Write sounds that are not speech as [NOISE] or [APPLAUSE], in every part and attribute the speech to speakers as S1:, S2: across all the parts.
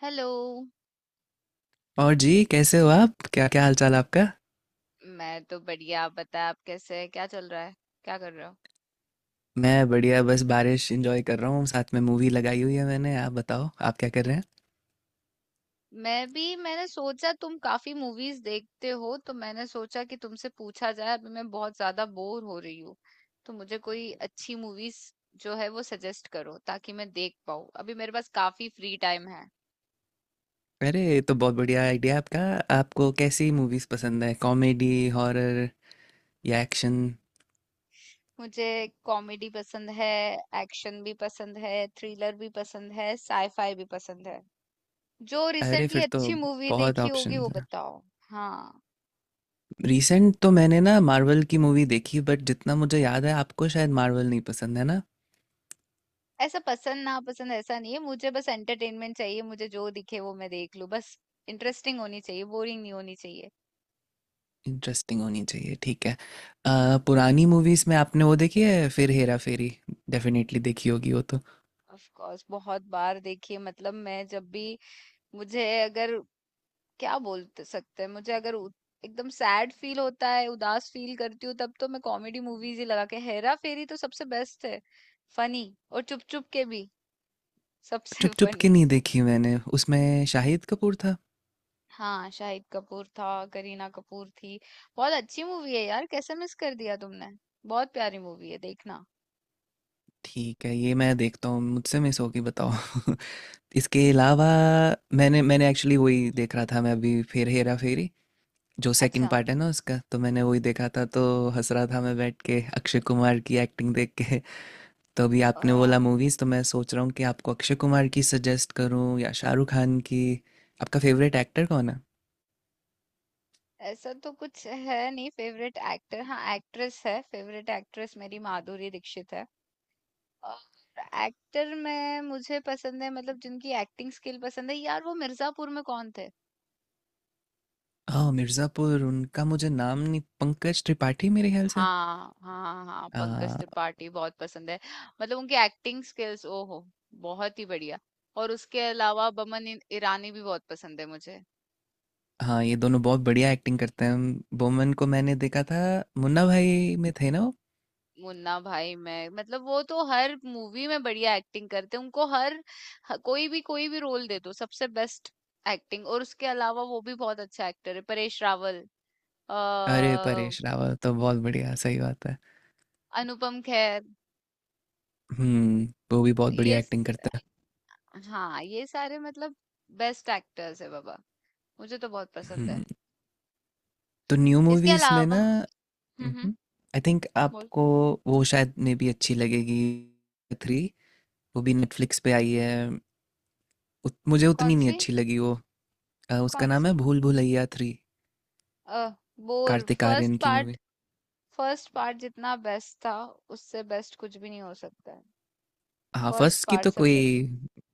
S1: Hello.
S2: और जी कैसे हो आप? क्या क्या हाल चाल आपका?
S1: मैं तो बढ़िया। आप बताएं, आप कैसे हैं, क्या चल रहा है, क्या कर रहे हो?
S2: मैं बढ़िया, बस बारिश एंजॉय कर रहा हूँ, साथ में मूवी लगाई हुई है मैंने। आप बताओ, आप क्या कर रहे हैं?
S1: मैं भी, मैंने सोचा तुम काफी मूवीज देखते हो तो मैंने सोचा कि तुमसे पूछा जाए। अभी मैं बहुत ज्यादा बोर हो रही हूँ तो मुझे कोई अच्छी मूवीज जो है वो सजेस्ट करो ताकि मैं देख पाऊँ। अभी मेरे पास काफी फ्री टाइम है।
S2: अरे, ये तो बहुत बढ़िया आइडिया है आपका। आपको कैसी मूवीज पसंद है? कॉमेडी, हॉरर या एक्शन?
S1: मुझे कॉमेडी पसंद है, एक्शन भी पसंद है, थ्रिलर भी पसंद है, साईफाई भी पसंद है। जो
S2: अरे
S1: रिसेंटली
S2: फिर तो
S1: अच्छी मूवी
S2: बहुत
S1: देखी होगी
S2: ऑप्शंस
S1: वो
S2: हैं।
S1: बताओ। हाँ,
S2: रिसेंट तो मैंने ना मार्वल की मूवी देखी, बट जितना मुझे याद है आपको शायद मार्वल नहीं पसंद है ना।
S1: ऐसा पसंद नापसंद ऐसा नहीं है, मुझे बस एंटरटेनमेंट चाहिए। मुझे जो दिखे वो मैं देख लूं बस। इंटरेस्टिंग होनी चाहिए, बोरिंग नहीं होनी चाहिए।
S2: इंटरेस्टिंग होनी चाहिए, ठीक है। पुरानी मूवीज में आपने वो देखी है फिर हेरा फेरी? डेफिनेटली देखी होगी वो तो।
S1: ऑफ कोर्स, बहुत बार देखिए। मतलब मैं जब भी मुझे अगर क्या बोल सकते हैं, मुझे अगर एकदम सैड फील होता है, उदास फील करती हूँ तब तो मैं कॉमेडी मूवीज ही लगा के, हेरा फेरी तो सबसे बेस्ट है। फनी। और चुप चुप के भी सबसे
S2: चुप
S1: [LAUGHS]
S2: चुप के
S1: फनी।
S2: नहीं देखी मैंने, उसमें शाहिद कपूर था।
S1: हाँ, शाहिद कपूर था, करीना कपूर थी। बहुत अच्छी मूवी है यार, कैसे मिस कर दिया तुमने। बहुत प्यारी मूवी है, देखना।
S2: ठीक है, ये मैं देखता हूँ, मुझसे मिस होगी बताओ। [LAUGHS] इसके अलावा मैंने मैंने एक्चुअली वही देख रहा था मैं अभी, फिर हेरा फेरी जो सेकंड
S1: अच्छा।
S2: पार्ट है ना उसका, तो मैंने वही देखा था। तो हंस रहा था मैं बैठ के अक्षय कुमार की एक्टिंग देख के। [LAUGHS] तो अभी आपने
S1: हाँ,
S2: बोला मूवीज, तो मैं सोच रहा हूँ कि आपको अक्षय कुमार की सजेस्ट करूँ या शाहरुख खान की। आपका फेवरेट एक्टर कौन है?
S1: ऐसा तो कुछ है नहीं फेवरेट एक्टर। हाँ, एक्ट्रेस है, फेवरेट एक्ट्रेस मेरी माधुरी दीक्षित है। और एक्टर में मुझे पसंद है, मतलब जिनकी एक्टिंग स्किल पसंद है यार, वो मिर्जापुर में कौन थे?
S2: हाँ, मिर्ज़ापुर, उनका मुझे नाम नहीं, पंकज त्रिपाठी मेरे ख्याल से।
S1: हाँ, हाँ, हाँ, पंकज त्रिपाठी बहुत पसंद है। मतलब उनकी एक्टिंग स्किल्स, ओहो, बहुत ही बढ़िया। और उसके अलावा बमन ईरानी भी बहुत पसंद है मुझे।
S2: हाँ, ये दोनों बहुत बढ़िया एक्टिंग करते हैं। बोमन को मैंने देखा था, मुन्ना भाई में थे ना वो?
S1: मुन्ना भाई मैं मतलब वो तो हर मूवी में बढ़िया एक्टिंग करते हैं। उनको कोई भी रोल दे दो, सबसे बेस्ट एक्टिंग। और उसके अलावा वो भी बहुत अच्छा एक्टर है, परेश रावल,
S2: अरे
S1: अ,
S2: परेश रावल तो बहुत बढ़िया, सही बात है।
S1: अनुपम खेर,
S2: हम्म। वो भी बहुत बढ़िया
S1: ये स-
S2: एक्टिंग करता है।
S1: हाँ, ये सारे मतलब बेस्ट एक्टर्स है बाबा। मुझे तो बहुत पसंद है।
S2: हम्म। तो न्यू
S1: इसके
S2: मूवीज में
S1: अलावा
S2: ना,
S1: हम्म हम्म
S2: आई थिंक
S1: बोल।
S2: आपको वो शायद में भी अच्छी लगेगी, थ्री, वो भी नेटफ्लिक्स पे आई है। मुझे
S1: कौन
S2: उतनी नहीं
S1: सी?
S2: अच्छी लगी वो। उसका
S1: कौन
S2: नाम है
S1: सी?
S2: भूल भुलैया थ्री,
S1: अ बोर।
S2: कार्तिक
S1: फर्स्ट
S2: आर्यन की
S1: पार्ट।
S2: मूवी।
S1: फर्स्ट पार्ट जितना बेस्ट था उससे बेस्ट कुछ भी नहीं हो सकता है।
S2: हाँ
S1: फर्स्ट
S2: फर्स्ट की
S1: पार्ट
S2: तो कोई,
S1: सबसे,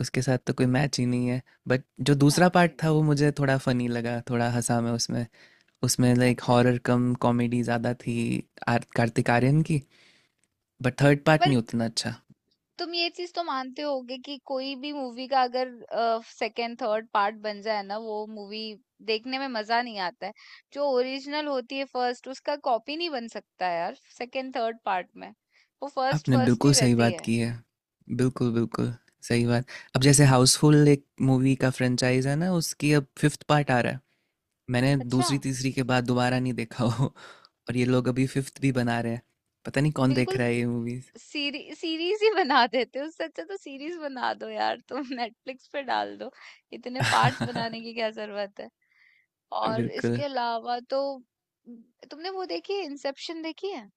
S2: उसके साथ तो कोई मैच ही नहीं है। बट जो दूसरा
S1: मैच
S2: पार्ट
S1: ही
S2: था
S1: नहीं।
S2: वो मुझे थोड़ा फनी लगा, थोड़ा हंसा मैं उसमें। उसमें लाइक
S1: अच्छा।
S2: हॉरर कम कॉमेडी ज़्यादा थी, आर कार्तिक आर्यन की। बट थर्ड पार्ट
S1: पर
S2: नहीं उतना अच्छा।
S1: तुम ये चीज तो मानते होगे कि कोई भी मूवी का अगर सेकंड थर्ड पार्ट बन जाए ना, वो मूवी देखने में मजा नहीं आता है। जो ओरिजिनल होती है फर्स्ट, उसका कॉपी नहीं बन सकता है यार। सेकंड थर्ड पार्ट में वो फर्स्ट,
S2: आपने
S1: फर्स्ट
S2: बिल्कुल
S1: ही
S2: सही
S1: रहती
S2: बात
S1: है।
S2: की है। बिल्कुल बिल्कुल सही बात। अब जैसे हाउसफुल, एक मूवी का फ्रेंचाइज है ना, उसकी अब फिफ्थ पार्ट आ रहा है। मैंने
S1: अच्छा।
S2: दूसरी तीसरी के बाद दोबारा नहीं देखा हो, और ये लोग अभी फिफ्थ भी बना रहे हैं। पता नहीं कौन देख
S1: बिल्कुल।
S2: रहा है ये मूवीज।
S1: सीरीज ही बना देते हो, उससे अच्छा तो सीरीज बना दो यार तुम। [LAUGHS] नेटफ्लिक्स पे डाल दो। इतने पार्ट्स बनाने
S2: [LAUGHS]
S1: की क्या जरूरत है? और इसके
S2: बिल्कुल।
S1: अलावा तो, तुमने वो देखी है इंसेप्शन देखी है?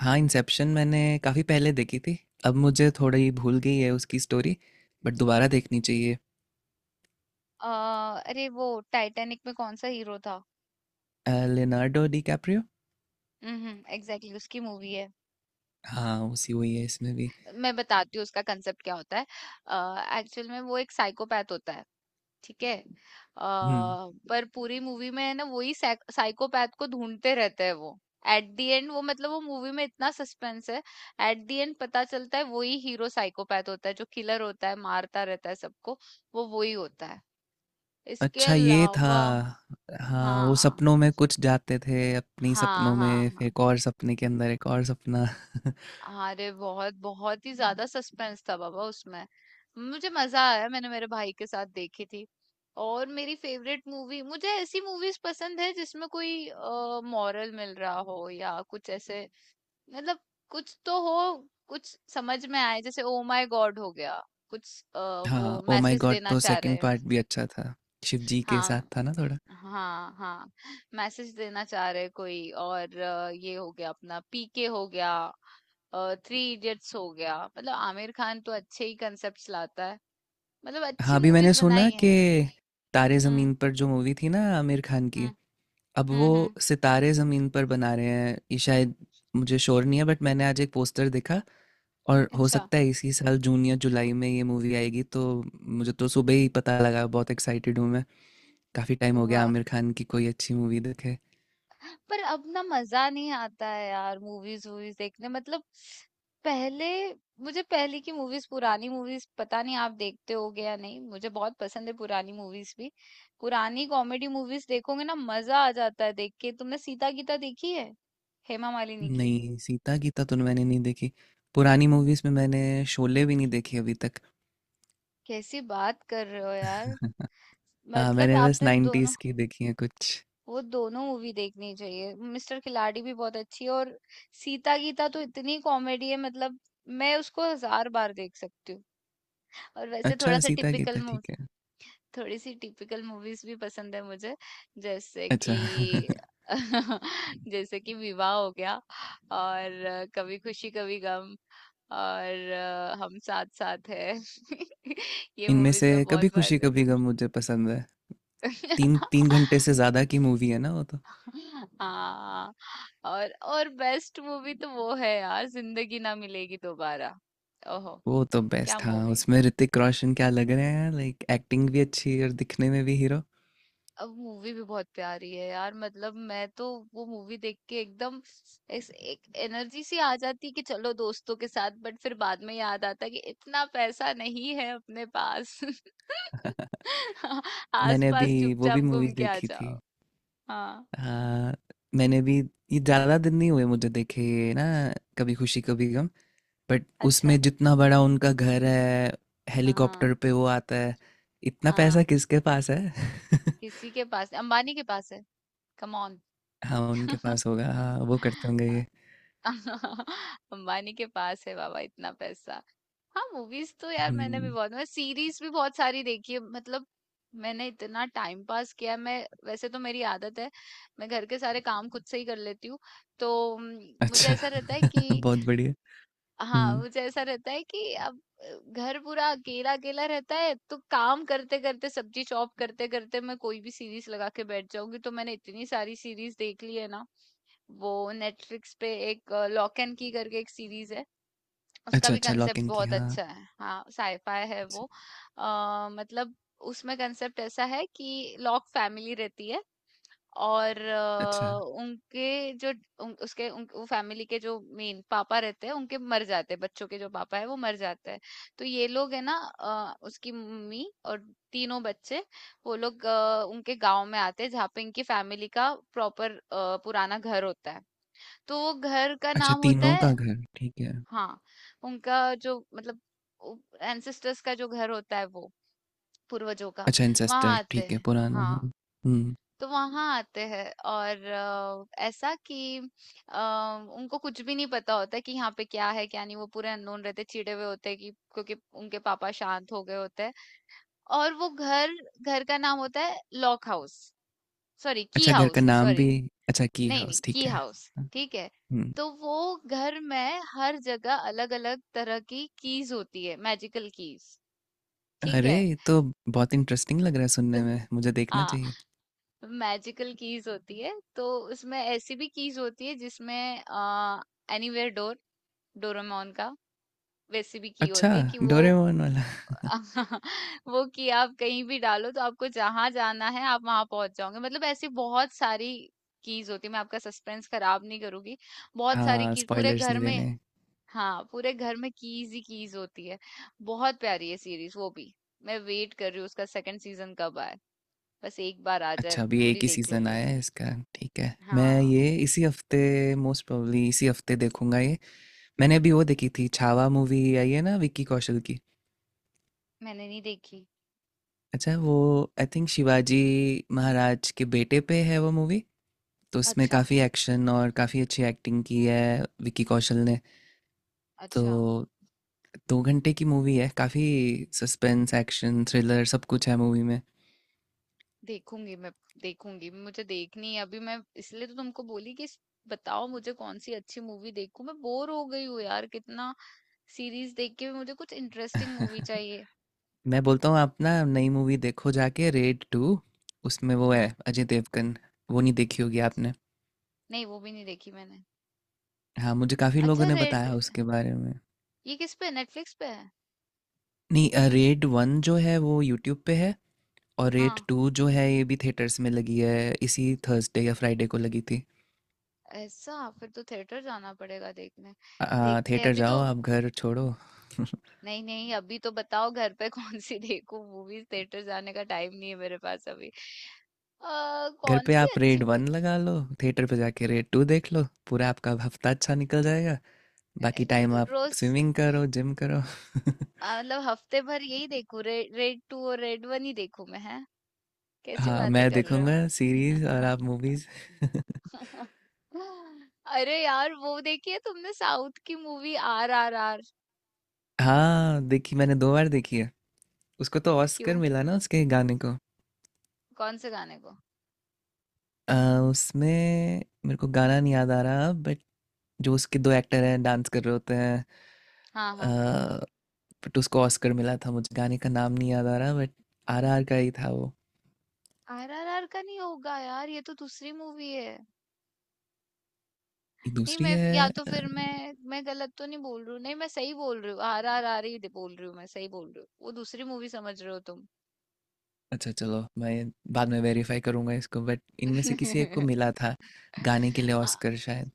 S2: हाँ इंसेप्शन मैंने काफ़ी पहले देखी थी, अब मुझे थोड़ी भूल गई है उसकी स्टोरी, बट दोबारा देखनी चाहिए।
S1: अ, अरे वो, टाइटैनिक में कौन सा हीरो था?
S2: Leonardo DiCaprio.
S1: हम्म, एग्जैक्टली। Exactly, उसकी मूवी है।
S2: हाँ उसी वही है इसमें भी।
S1: मैं बताती हूँ उसका कंसेप्ट क्या होता है। एक्चुअल में वो एक साइकोपैथ होता है, ठीक है।
S2: हम्म।
S1: पर पूरी मूवी में है ना, वही साइकोपैथ को ढूंढते रहते हैं वो। एट दी एंड वो मतलब वो मूवी में इतना सस्पेंस है, एट दी एंड पता चलता है वही हीरो साइकोपैथ होता है, जो किलर होता है, मारता रहता है सबको। वो वही होता है। इसके
S2: अच्छा ये था।
S1: अलावा,
S2: हाँ वो सपनों
S1: हाँ,
S2: में कुछ जाते थे, अपनी
S1: हाँ,
S2: सपनों
S1: हाँ,
S2: में, फिर
S1: हाँ।
S2: एक और सपने के अंदर एक और सपना। [LAUGHS]
S1: अरे बहुत बहुत ही ज्यादा सस्पेंस था बाबा उसमें। मुझे मजा आया, मैंने मेरे भाई के साथ देखी थी। और मेरी फेवरेट मूवी, मुझे ऐसी मूवीज पसंद है जिसमें कोई मॉरल मिल रहा हो या कुछ ऐसे, मतलब कुछ तो हो, कुछ समझ में आए। जैसे ओ माय गॉड हो गया, कुछ वो
S2: हाँ ओ माय
S1: मैसेज
S2: गॉड
S1: देना
S2: तो
S1: चाह रहे
S2: सेकंड
S1: हैं।
S2: पार्ट भी अच्छा था, शिव जी के साथ
S1: हाँ,
S2: था ना थोड़ा।
S1: हाँ, हाँ। मैसेज देना चाह रहे कोई और ये हो गया अपना पीके हो गया, थ्री इडियट्स हो गया, मतलब आमिर खान तो अच्छे ही कंसेप्ट्स लाता है, मतलब
S2: हाँ
S1: अच्छी
S2: अभी मैंने
S1: मूवीज
S2: सुना
S1: बनाई है।
S2: कि तारे
S1: हम्म
S2: ज़मीन पर जो मूवी थी ना आमिर खान
S1: हम्म
S2: की, अब वो
S1: हम्म हम्म
S2: सितारे ज़मीन पर बना रहे हैं ये शायद। मुझे श्योर नहीं है, बट मैंने आज एक पोस्टर देखा और हो
S1: अच्छा।
S2: सकता है इसी साल जून या जुलाई में ये मूवी आएगी। तो मुझे तो सुबह ही पता लगा, बहुत एक्साइटेड हूँ मैं। काफ़ी टाइम हो गया
S1: वाह।
S2: आमिर खान की कोई अच्छी मूवी देखे।
S1: पर अब ना मजा नहीं आता है यार मूवीज वूवीज देखने, मतलब पहले, मुझे पहले की मूवीज, पुरानी मूवीज, पता नहीं आप देखते होगे या नहीं, मुझे बहुत पसंद है पुरानी मूवीज भी। पुरानी कॉमेडी मूवीज देखोगे ना, मजा आ जाता है देख के। तुमने सीता गीता देखी है, हेमा मालिनी की?
S2: नहीं, सीता गीता तो मैंने नहीं देखी। पुरानी मूवीज़ में मैंने शोले भी नहीं देखी अभी तक।
S1: कैसी बात कर रहे हो यार,
S2: [LAUGHS] हाँ
S1: मतलब
S2: मैंने बस
S1: आपने दोनों,
S2: 90's की देखी है कुछ।
S1: वो दोनों मूवी देखनी चाहिए। मिस्टर खिलाड़ी भी बहुत अच्छी है और सीता गीता तो इतनी कॉमेडी है, मतलब मैं उसको हजार बार देख सकती हूँ। और वैसे थोड़ा
S2: अच्छा
S1: सा
S2: सीता
S1: टिपिकल
S2: गीता ठीक
S1: मूवी,
S2: है।
S1: थोड़ी सी टिपिकल मूवीज भी पसंद है मुझे। जैसे
S2: अच्छा।
S1: कि
S2: [LAUGHS]
S1: [LAUGHS] जैसे कि विवाह हो गया, और कभी खुशी कभी गम, और हम साथ साथ है। [LAUGHS] ये
S2: इनमें
S1: मूवीज
S2: से
S1: मैं
S2: कभी
S1: बहुत बार
S2: खुशी
S1: देख।
S2: कभी गम मुझे पसंद है। 3 घंटे से
S1: [LAUGHS]
S2: ज्यादा की मूवी है ना वो तो।
S1: हाँ, और बेस्ट मूवी तो वो है यार, जिंदगी ना मिलेगी दोबारा। ओहो,
S2: वो तो
S1: क्या
S2: बेस्ट, हाँ,
S1: मूवी।
S2: उसमें ऋतिक रोशन क्या लग रहे हैं, लाइक एक्टिंग भी अच्छी और दिखने में भी हीरो।
S1: अब मूवी भी बहुत प्यारी है यार, मतलब मैं तो, वो मूवी देख के एकदम, इस एक एनर्जी सी आ जाती है कि चलो दोस्तों के साथ, बट फिर बाद में याद आता है कि इतना पैसा नहीं है अपने पास।
S2: [LAUGHS]
S1: [LAUGHS]
S2: मैंने अभी
S1: आसपास
S2: वो
S1: चुपचाप
S2: भी मूवी
S1: घूम के आ
S2: देखी थी।
S1: जाओ। हाँ।
S2: हाँ मैंने भी, ये ज्यादा दिन नहीं हुए मुझे देखे ये ना, कभी खुशी कभी गम। बट
S1: अच्छा।
S2: उसमें जितना बड़ा उनका घर है,
S1: हाँ,
S2: हेलीकॉप्टर पे वो आता है, इतना पैसा
S1: हाँ।
S2: किसके पास है? [LAUGHS]
S1: किसी के पास अंबानी के पास है, कम ऑन।
S2: हाँ उनके
S1: [LAUGHS]
S2: पास होगा, हाँ वो करते होंगे ये।
S1: अंबानी के पास है बाबा इतना पैसा। हाँ, मूवीज तो यार मैंने भी
S2: हम्म।
S1: बहुत, मैं सीरीज भी बहुत सारी देखी है, मतलब मैंने इतना टाइम पास किया है। मैं वैसे तो, मेरी आदत है, मैं घर के सारे काम खुद से ही कर लेती हूँ तो मुझे
S2: अच्छा,
S1: ऐसा रहता है
S2: [LAUGHS]
S1: कि,
S2: बहुत बढ़िया।
S1: हाँ,
S2: हम्म।
S1: मुझे ऐसा रहता है कि अब घर पूरा अकेला अकेला रहता है, तो काम करते करते, सब्जी चॉप करते करते, मैं कोई भी सीरीज लगा के बैठ जाऊंगी, तो मैंने इतनी सारी सीरीज देख ली है ना। वो नेटफ्लिक्स पे एक लॉक एंड की करके एक सीरीज है, उसका
S2: अच्छा,
S1: भी
S2: अच्छा
S1: कंसेप्ट
S2: लॉक-इन की,
S1: बहुत
S2: हाँ,
S1: अच्छा है। हाँ, साईफाई है
S2: अच्छ,
S1: वो। मतलब उसमें कंसेप्ट ऐसा है कि लॉक फैमिली रहती है, और
S2: अच्छा।
S1: उनके जो उन, उसके उन, वो फैमिली के जो मेन पापा रहते हैं उनके मर जाते हैं, बच्चों के जो पापा है वो मर जाते हैं। तो ये लोग है ना, उसकी मम्मी और तीनों बच्चे, वो लोग उनके गांव में आते हैं जहाँ पे इनकी फैमिली का प्रॉपर पुराना घर होता है। तो वो घर का
S2: अच्छा
S1: नाम होता
S2: तीनों
S1: है,
S2: का घर, ठीक है।
S1: हाँ, उनका जो मतलब उ एंसेस्टर्स का जो घर होता है वो, पूर्वजों का,
S2: अच्छा
S1: वहाँ
S2: इंसेस्टर
S1: आते
S2: ठीक है,
S1: हैं।
S2: पुराना है।
S1: हाँ,
S2: हुँ।
S1: तो वहाँ आते हैं और ऐसा कि अ, उनको कुछ भी नहीं पता होता कि यहाँ पे क्या है, क्या नहीं। वो पूरे अननोन रहते, चिढ़े हुए होते हैं, कि क्योंकि उनके पापा शांत हो गए होते हैं। और वो घर, घर का नाम होता है लॉक हाउस, सॉरी की
S2: अच्छा घर का
S1: हाउस,
S2: नाम भी,
S1: सॉरी।
S2: अच्छा की
S1: नहीं, नहीं
S2: हाउस
S1: की
S2: ठीक है।
S1: हाउस
S2: हाँ,
S1: ठीक है।
S2: हुँ।
S1: तो वो घर में हर जगह अलग अलग तरह की कीज होती है, मैजिकल कीज, ठीक
S2: अरे!
S1: है।
S2: ये तो बहुत इंटरेस्टिंग लग रहा है सुनने
S1: तो,
S2: में, मुझे देखना
S1: हाँ,
S2: चाहिए।
S1: मैजिकल कीज होती है। तो उसमें ऐसी भी कीज होती है जिसमें एनीवेयर डोर, डोरेमोन का, वैसी भी की
S2: अच्छा,
S1: होती है कि वो
S2: डोरेमॉन वाला। [LAUGHS]
S1: [LAUGHS] वो की आप कहीं भी डालो तो आपको जहां जाना है आप वहां पहुंच जाओगे। मतलब ऐसी बहुत सारी कीज होती है, मैं आपका सस्पेंस खराब नहीं करूंगी। बहुत सारी
S2: हाँ,
S1: कीज पूरे
S2: स्पॉयलर्स
S1: घर
S2: नहीं
S1: में,
S2: देने।
S1: हाँ, पूरे घर में कीज ही कीज होती है। बहुत प्यारी है सीरीज वो भी, मैं वेट कर रही हूँ उसका सेकंड सीजन कब आए। बस एक बार आ जाए,
S2: अच्छा अभी एक
S1: पूरी
S2: ही
S1: देख
S2: सीज़न
S1: लूंगी।
S2: आया है इसका, ठीक है। मैं
S1: हाँ।
S2: ये इसी हफ्ते, मोस्ट प्रोबेबली इसी हफ्ते देखूँगा ये। मैंने अभी वो देखी थी, छावा मूवी आई है ना विक्की कौशल की।
S1: मैंने नहीं देखी।
S2: अच्छा वो आई थिंक शिवाजी महाराज के बेटे पे है वो मूवी। तो उसमें
S1: अच्छा।
S2: काफ़ी एक्शन और काफ़ी अच्छी एक्टिंग की है विकी कौशल ने। तो
S1: अच्छा,
S2: 2 घंटे की मूवी है, काफ़ी सस्पेंस, एक्शन, थ्रिलर सब कुछ है मूवी में।
S1: देखूंगी मैं। देखूंगी, मुझे देखनी है। अभी मैं इसलिए तो तुमको बोली कि बताओ मुझे कौन सी अच्छी मूवी देखूं। मैं बोर हो गई हूँ यार, कितना सीरीज देख के भी मुझे कुछ इंटरेस्टिंग मूवी
S2: [LAUGHS]
S1: चाहिए।
S2: मैं बोलता हूँ आप ना नई मूवी देखो जाके, रेड टू। उसमें वो है
S1: हम्म।
S2: अजय देवगन, वो नहीं देखी होगी आपने।
S1: नहीं, वो भी नहीं देखी मैंने।
S2: हाँ मुझे काफ़ी लोगों
S1: अच्छा
S2: ने
S1: रेड,
S2: बताया उसके बारे में।
S1: ये किस पे, नेटफ्लिक्स पे है?
S2: नहीं, रेड वन जो है वो यूट्यूब पे है, और रेड
S1: हाँ,
S2: टू जो है ये भी थिएटर्स में लगी है, इसी थर्सडे या फ्राइडे को लगी थी।
S1: ऐसा फिर तो थिएटर जाना पड़ेगा देखने। देखते हैं
S2: थिएटर
S1: अभी
S2: जाओ
S1: तो।
S2: आप, घर छोड़ो।
S1: नहीं नहीं, अभी तो बताओ घर पे [LAUGHS] कौन सी देखूं मूवीज। थिएटर जाने का टाइम नहीं है मेरे पास अभी।
S2: [LAUGHS] घर
S1: कौन
S2: पे
S1: सी
S2: आप
S1: अच्छी
S2: रेड वन
S1: मूवी।
S2: लगा लो, थिएटर पे जाके रेड टू देख लो, पूरा आपका हफ्ता अच्छा निकल जाएगा। बाकी टाइम आप
S1: रोज।
S2: स्विमिंग करो, जिम करो। [LAUGHS]
S1: मतलब हफ्ते भर यही देखूं रेड टू और रेड वन ही देखूं मैं है? कैसी
S2: हाँ
S1: बातें
S2: मैं
S1: कर रहे हो?
S2: देखूंगा सीरीज और आप मूवीज। [LAUGHS]
S1: [LAUGHS] अरे यार, वो देखी है तुमने साउथ की मूवी आर आर आर?
S2: हाँ देखी, मैंने 2 बार देखी है। उसको तो ऑस्कर
S1: क्यों?
S2: मिला ना उसके गाने को।
S1: कौन से गाने को?
S2: आ, उसमें मेरे को गाना नहीं याद आ रहा, बट जो उसके दो एक्टर हैं डांस कर रहे होते हैं।
S1: हाँ, हाँ,
S2: बट उसको ऑस्कर मिला था, मुझे गाने का नाम नहीं याद आ रहा, बट आरआर का ही था वो।
S1: आरआरआर का नहीं होगा यार, ये तो दूसरी मूवी है।
S2: एक
S1: नहीं,
S2: दूसरी
S1: मैं या
S2: है,
S1: तो फिर मैं गलत तो नहीं बोल रही हूँ, नहीं मैं सही बोल रही हूँ, आरआरआर ही बोल रही हूँ, मैं सही बोल रही हूँ। वो दूसरी मूवी, समझ रहे हो तुम?
S2: अच्छा चलो मैं बाद में वेरीफाई करूंगा इसको, बट इनमें से किसी एक को
S1: [LAUGHS]
S2: मिला था गाने के लिए
S1: हाँ,
S2: ऑस्कर शायद।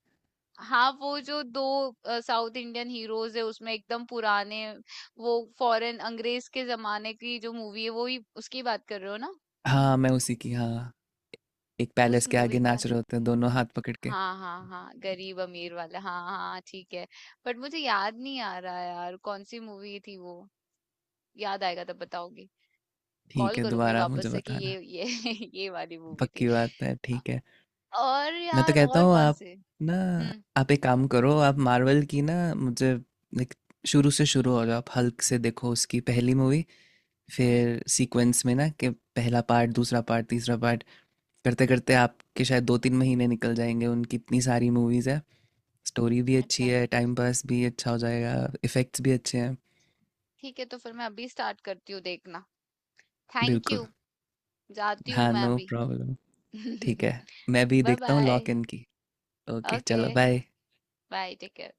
S1: हाँ, वो जो दो साउथ इंडियन हीरोज है उसमें, एकदम पुराने वो फॉरेन, अंग्रेज के जमाने की जो मूवी है, वो ही उसकी बात कर रहे हो ना?
S2: हाँ मैं उसी की हाँ, एक पैलेस
S1: उस
S2: के आगे
S1: मूवी का
S2: नाच रहे
S1: ना,
S2: होते हैं दोनों हाथ पकड़ के।
S1: हाँ, हाँ, हाँ, गरीब अमीर वाला, हाँ, हाँ, हाँ, ठीक है। बट मुझे याद नहीं आ रहा यार कौन सी मूवी थी वो, याद आएगा तब बताऊंगी।
S2: ठीक
S1: कॉल
S2: है
S1: करूंगी
S2: दोबारा
S1: वापस
S2: मुझे
S1: से कि
S2: बताना,
S1: ये [LAUGHS] ये वाली मूवी थी।
S2: पक्की बात है, ठीक है।
S1: और
S2: मैं तो
S1: यार
S2: कहता
S1: और
S2: हूँ
S1: कौन
S2: आप
S1: से।
S2: ना,
S1: हम्म,
S2: आप एक काम करो, आप मार्वल की ना मुझे, लाइक, शुरू से शुरू हो जाओ, आप हल्क से देखो उसकी पहली मूवी,
S1: हम्म।
S2: फिर सीक्वेंस में ना कि पहला पार्ट, दूसरा पार्ट, तीसरा पार्ट, करते करते आपके शायद 2 तीन महीने निकल जाएंगे, उनकी इतनी सारी मूवीज़ है। स्टोरी भी अच्छी
S1: अच्छा,
S2: है, टाइम पास भी अच्छा हो जाएगा, इफ़ेक्ट्स भी अच्छे हैं।
S1: ठीक है। तो फिर मैं अभी स्टार्ट करती हूँ देखना। थैंक
S2: बिल्कुल।
S1: यू। जाती हूँ
S2: हाँ
S1: मैं
S2: नो
S1: अभी।
S2: प्रॉब्लम। ठीक
S1: [LAUGHS]
S2: है, मैं भी
S1: बाय
S2: देखता हूँ
S1: bye.
S2: Lock in key. Okay
S1: okay,
S2: चलो बाय।
S1: Bye, take care.